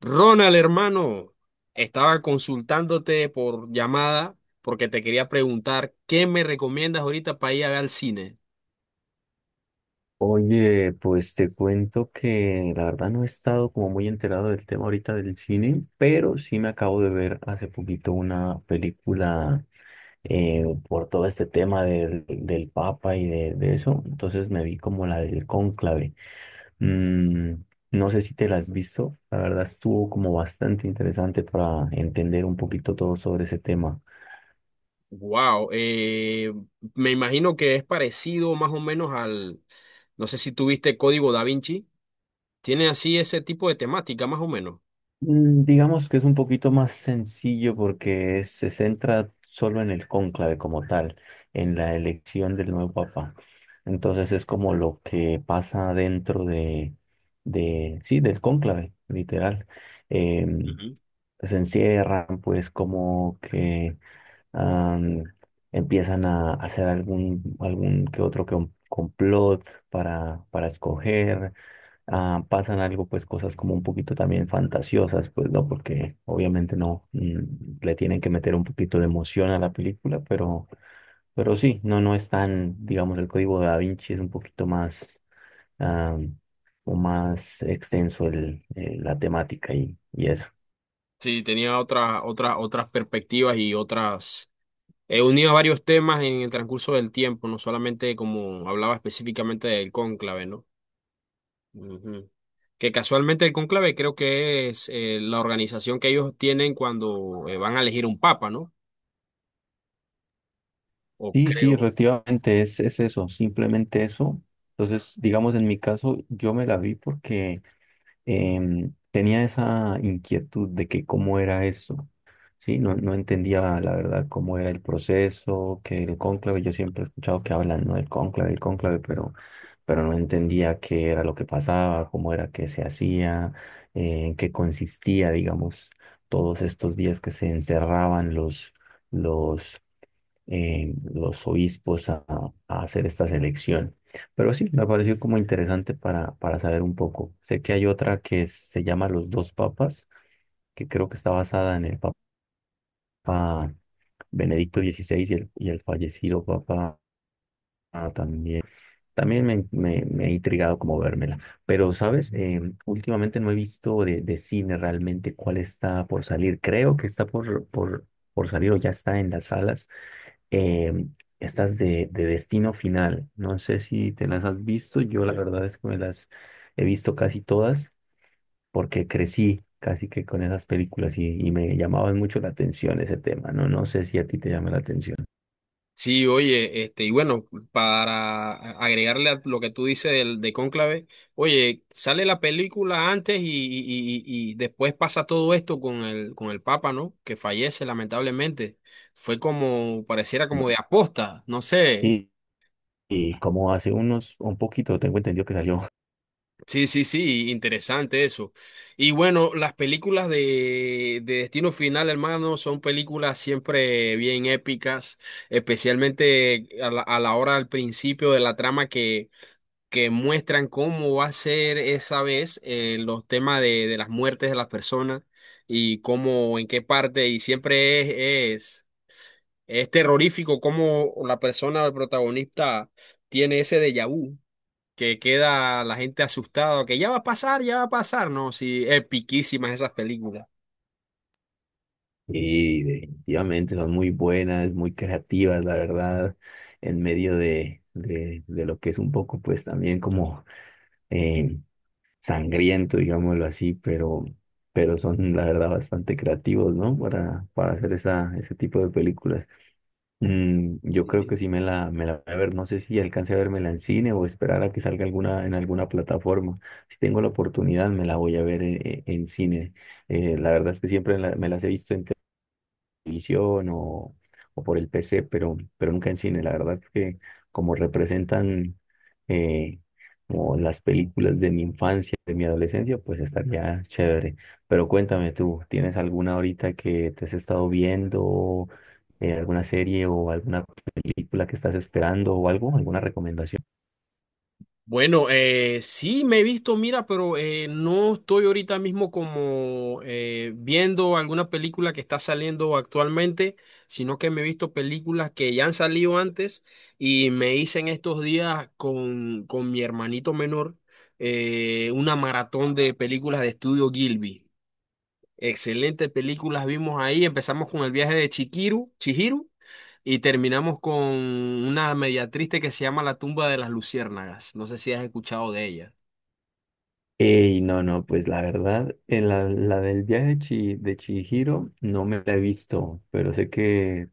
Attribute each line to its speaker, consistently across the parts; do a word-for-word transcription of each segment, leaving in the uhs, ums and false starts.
Speaker 1: Ronald, hermano, estaba consultándote por llamada porque te quería preguntar qué me recomiendas ahorita para ir a ver al cine.
Speaker 2: Oye, pues te cuento que la verdad no he estado como muy enterado del tema ahorita del cine, pero sí me acabo de ver hace poquito una película eh, por todo este tema del, del Papa y de, de eso. Entonces me vi como la del Cónclave. Mm, no sé si te la has visto, la verdad estuvo como bastante interesante para entender un poquito todo sobre ese tema.
Speaker 1: Wow, me imagino que es parecido más o menos al, no sé si tuviste Código Da Vinci, tiene así ese tipo de temática más o menos.
Speaker 2: Mm, digamos que es un poquito más sencillo porque se centra solo en el cónclave como tal, en la elección del nuevo papa. Entonces es como lo que pasa dentro de, de sí, del cónclave, literal. Em,
Speaker 1: Ujú.
Speaker 2: Se encierran, pues, como que am, empiezan a hacer algún, algún que otro com- complot para, para escoger. Ah, pasan algo, pues, cosas como un poquito también fantasiosas, pues no, porque obviamente no, mm, le tienen que meter un poquito de emoción a la película, pero, pero sí. No, no es tan, digamos, el código de Da Vinci es un poquito más, ah, o más extenso el, eh, la temática y, y eso.
Speaker 1: Sí, tenía otras otras otras perspectivas y otras he unido varios temas en el transcurso del tiempo, no solamente como hablaba específicamente del cónclave, ¿no? Ujú. Que casualmente el cónclave creo que es eh, la organización que ellos tienen cuando eh, van a elegir un papa, ¿no? O
Speaker 2: Sí, sí,
Speaker 1: creo.
Speaker 2: efectivamente, es, es eso, simplemente eso. Entonces, digamos, en mi caso, yo me la vi porque em, tenía esa inquietud de que cómo era eso, ¿sí? No, no entendía la verdad cómo era el proceso, que el cónclave. Yo siempre he escuchado que hablan, ¿no?, del cónclave, el cónclave, pero, pero no entendía qué era lo que pasaba, cómo era que se hacía, eh, en qué consistía, digamos, todos estos días que se encerraban los... los eh, los obispos a, a hacer esta selección. Pero sí, me pareció como interesante para, para saber un poco. Sé que hay otra que es- se llama Los Dos Papas, que creo que está basada en el Papa Benedicto dieciséis y el, y el fallecido Papa, ah, también. También me, me, me he intrigado como vérmela. Pero, ¿sabes? Eh, últimamente no he visto de, de cine realmente cuál está por salir. Creo que está por, por, por salir o ya está en las salas, em, estas de, de Destino Final. No sé si te las has visto, yo la verdad es que me las he visto casi todas porque crecí casi que con esas películas y, y me llamaban mucho la atención ese tema, ¿no? No sé si a ti te llama la atención.
Speaker 1: Sí, oye, este, y bueno, para agregarle a lo que tú dices del, de cónclave, oye, sale la película antes y, y- y- y después pasa todo esto con el, con el papa, ¿no? Que fallece lamentablemente. Fue como, pareciera
Speaker 2: No.
Speaker 1: como de aposta, no sé.
Speaker 2: Y, y como hace unos, un poquito, tengo entendido que salió.
Speaker 1: Sí, sí, sí, interesante eso. Y bueno, las películas de, de Destino Final, hermano, son películas siempre bien épicas, especialmente a la, a la hora al principio de la trama que, que muestran cómo va a ser esa vez eh, los temas de, de las muertes de las personas y cómo, en qué parte, y siempre es, es, es terrorífico cómo la persona, el protagonista, tiene ese déjà vu que queda la gente asustada, que ya va a pasar, ya va a pasar, ¿no? Sí, epiquísimas esas películas.
Speaker 2: Y definitivamente son muy buenas, muy creativas, la verdad, en medio de, de, de lo que es un poco, pues, también como... eh, sangriento, digámoslo así, pero, pero son la verdad bastante creativos, ¿no? Para, para hacer esa, ese tipo de películas. Mm, yo creo que sí me la, me la voy a ver, no sé si alcance a vérmela en cine o esperar a que salga alguna, en alguna plataforma. Si tengo la oportunidad, me la voy a ver en, en- en cine. Eh, la verdad es que siempre la- me las he visto en televisión o, o por el P C, pero, pero nunca en cine. La verdad que como representan eh, como las películas de mi infancia, de mi adolescencia, pues estaría chévere. Pero cuéntame tú, ¿tienes alguna ahorita que te has estado viendo, eh, alguna serie o alguna película que estás esperando o algo, alguna recomendación?
Speaker 1: Bueno, eh, sí me he visto, mira, pero eh, no estoy ahorita mismo como eh, viendo alguna película que está saliendo actualmente, sino que me he visto películas que ya han salido antes y me hice en estos días con, con mi hermanito menor eh, una maratón de películas de estudio Gilby. Excelentes películas vimos ahí. Empezamos con el viaje de Chikiru, Chihiro y terminamos con una media triste que se llama La tumba de las luciérnagas. No sé si has escuchado de ella.
Speaker 2: Ey, no, no, pues la verdad, eh, la, la del viaje de, Chi- de Chihiro no me la he visto, pero sé que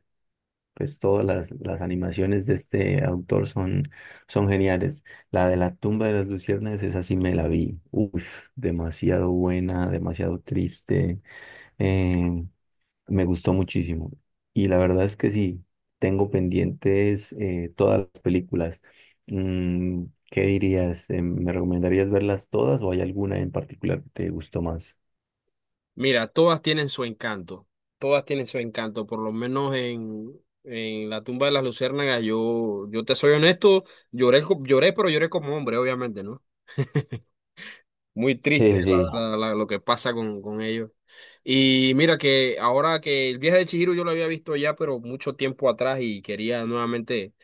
Speaker 2: pues todas las, las animaciones de este autor son, son geniales. La de la tumba de las luciernas, esa sí me la vi. Uf, demasiado buena, demasiado triste. eh, Me gustó muchísimo. Y la verdad es que sí, tengo pendientes eh, todas las películas. Mm, ¿qué dirías? Eh, ¿me recomendarías verlas todas o hay alguna en particular que te gustó más?
Speaker 1: Mira, todas tienen su encanto. Todas tienen su encanto. Por lo menos en, en La tumba de las luciérnagas, yo, yo te soy honesto, lloré, co- lloré, pero lloré como hombre, obviamente, ¿no? Muy
Speaker 2: Sí,
Speaker 1: triste,
Speaker 2: sí, sí.
Speaker 1: la verdad, la- lo que pasa con, con ellos. Y mira que ahora que el viaje de Chihiro yo lo había visto ya, pero mucho tiempo atrás y quería nuevamente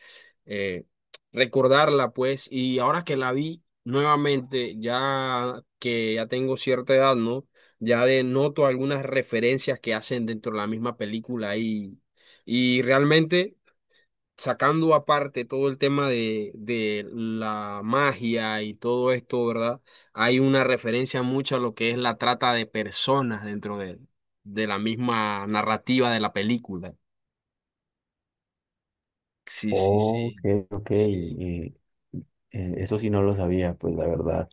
Speaker 1: eh, recordarla, pues, y ahora que la vi nuevamente, ya que ya tengo cierta edad, ¿no? Ya de noto algunas referencias que hacen dentro de la misma película y, y realmente sacando aparte todo el tema de, de la magia y todo esto, ¿verdad? Hay una referencia mucho a lo que es la trata de personas dentro de, de la misma narrativa de la película. Sí, sí,
Speaker 2: Ok,
Speaker 1: sí.
Speaker 2: ok.
Speaker 1: Sí.
Speaker 2: eh, Eh, eso sí no lo sabía, pues la verdad,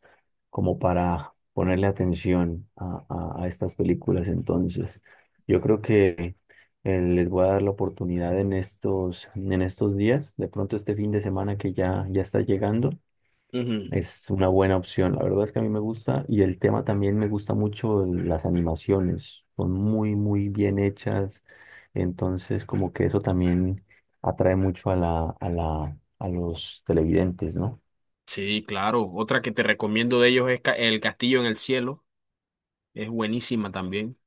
Speaker 2: como para ponerle atención a, a- a estas películas. Entonces, yo creo que eh, les voy a dar la oportunidad en estos, en estos días, de pronto este fin de semana que ya, ya está llegando,
Speaker 1: Ujú.
Speaker 2: es una buena opción. La verdad es que a mí me gusta y el tema también, me gusta mucho las animaciones, son muy, muy bien hechas. Entonces, como que eso también atrae mucho a la, a la, a los televidentes, ¿no?
Speaker 1: Sí, claro. Otra que te recomiendo de ellos es Ca- El Castillo en el Cielo. Es buenísima también.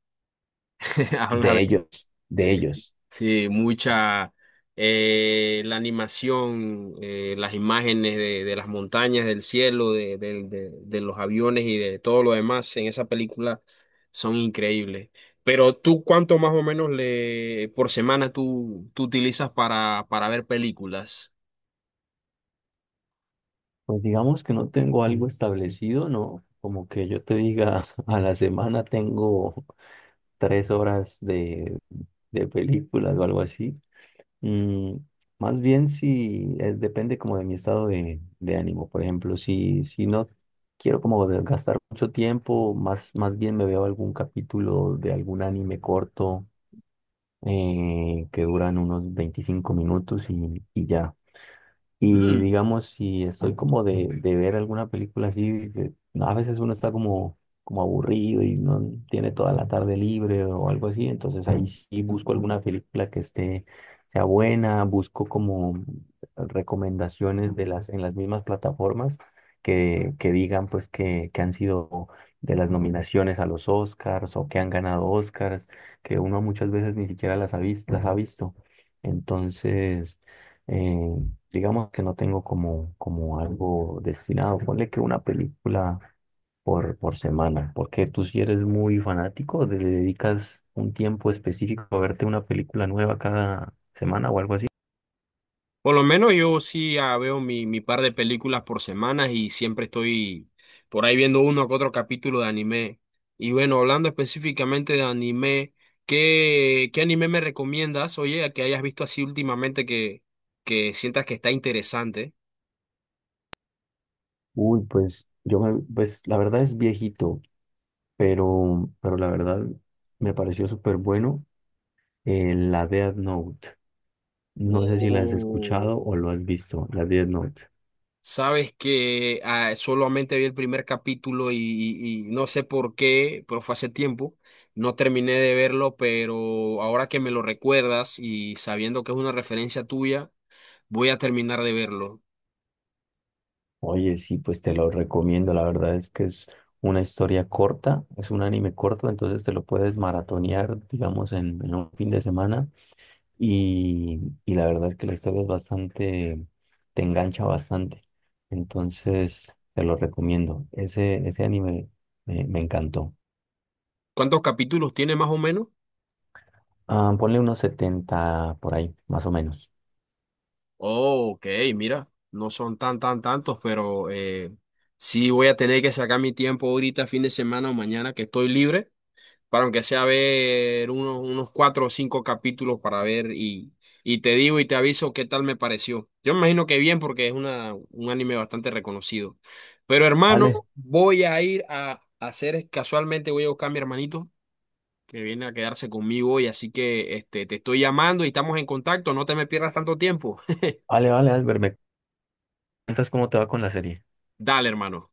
Speaker 1: Habla
Speaker 2: De
Speaker 1: de.
Speaker 2: ellos,
Speaker 1: Sí,
Speaker 2: de ellos.
Speaker 1: sí, mucha eh, la animación, eh, las imágenes de, de las montañas, del cielo, de, de- de- de los aviones y de todo lo demás en esa película son increíbles. Pero tú, ¿cuánto más o menos le por semana tú, tú utilizas para, para ver películas?
Speaker 2: Pues digamos que no tengo algo establecido, no, como que yo te diga, a la semana tengo tres horas de, de películas o algo así. Mm, más bien si eh, depende como de mi estado de, de ánimo. Por ejemplo, si, si no quiero como de- gastar mucho tiempo, más, más bien me veo algún capítulo de algún anime corto eh, que duran unos veinticinco minutos y, y ya. Y digamos, si estoy como de, de ver alguna película así, que a veces uno está como, como aburrido y no tiene toda la tarde libre o algo así, entonces ahí sí busco alguna película que esté, sea buena, busco como recomendaciones de las, en las mismas plataformas que, que digan pues que, que han sido de las nominaciones a los Oscars o que han ganado Oscars, que uno muchas veces ni siquiera las ha visto, las ha visto. Entonces... Eh, digamos que no tengo como, como algo destinado. Ponle que una película por, por semana. Porque tú si eres muy fanático, ¿te dedicas un tiempo específico a verte una película nueva cada semana o algo así?
Speaker 1: Por lo menos yo sí ah, veo mi, mi par de películas por semana y siempre estoy por ahí viendo uno o otro capítulo de anime. Y bueno, hablando específicamente de anime, ¿qué, qué anime me recomiendas? Oye, que hayas visto así últimamente que, que sientas que está interesante.
Speaker 2: Uy, pues yo me, pues la verdad es viejito, pero, pero la verdad me pareció súper bueno eh, la Death Note. No sé si la has
Speaker 1: Oh.
Speaker 2: escuchado o lo has visto, la Death Note.
Speaker 1: Sabes que ah, solamente vi el primer capítulo y, y- y no sé por qué, pero fue hace tiempo, no terminé de verlo, pero ahora que me lo recuerdas y sabiendo que es una referencia tuya, voy a terminar de verlo.
Speaker 2: Oye, sí, pues te lo recomiendo. La verdad es que es una historia corta, es un anime corto, entonces te lo puedes maratonear, digamos, en, en un fin de semana. Y, y la verdad es que la historia es bastante, te engancha bastante. Entonces, te lo recomiendo. Ese, ese anime me, me encantó.
Speaker 1: ¿Cuántos capítulos tiene más o menos?
Speaker 2: Ah, ponle unos setenta por ahí, más o menos.
Speaker 1: Oh, ok, mira, no son tan, tan, tantos, pero eh, sí voy a tener que sacar mi tiempo ahorita, fin de semana o mañana que estoy libre para aunque sea ver unos, unos cuatro o cinco capítulos para ver y, y te digo y te aviso qué tal me pareció. Yo me imagino que bien porque es una, un anime bastante reconocido. Pero hermano,
Speaker 2: Vale,
Speaker 1: voy a ir a hacer, casualmente voy a buscar a mi hermanito que viene a quedarse conmigo hoy, así que este, te estoy llamando y estamos en contacto, no te me pierdas tanto tiempo.
Speaker 2: vale, vale, Albert, ¿me cuentas cómo te va con la serie?
Speaker 1: Dale, hermano.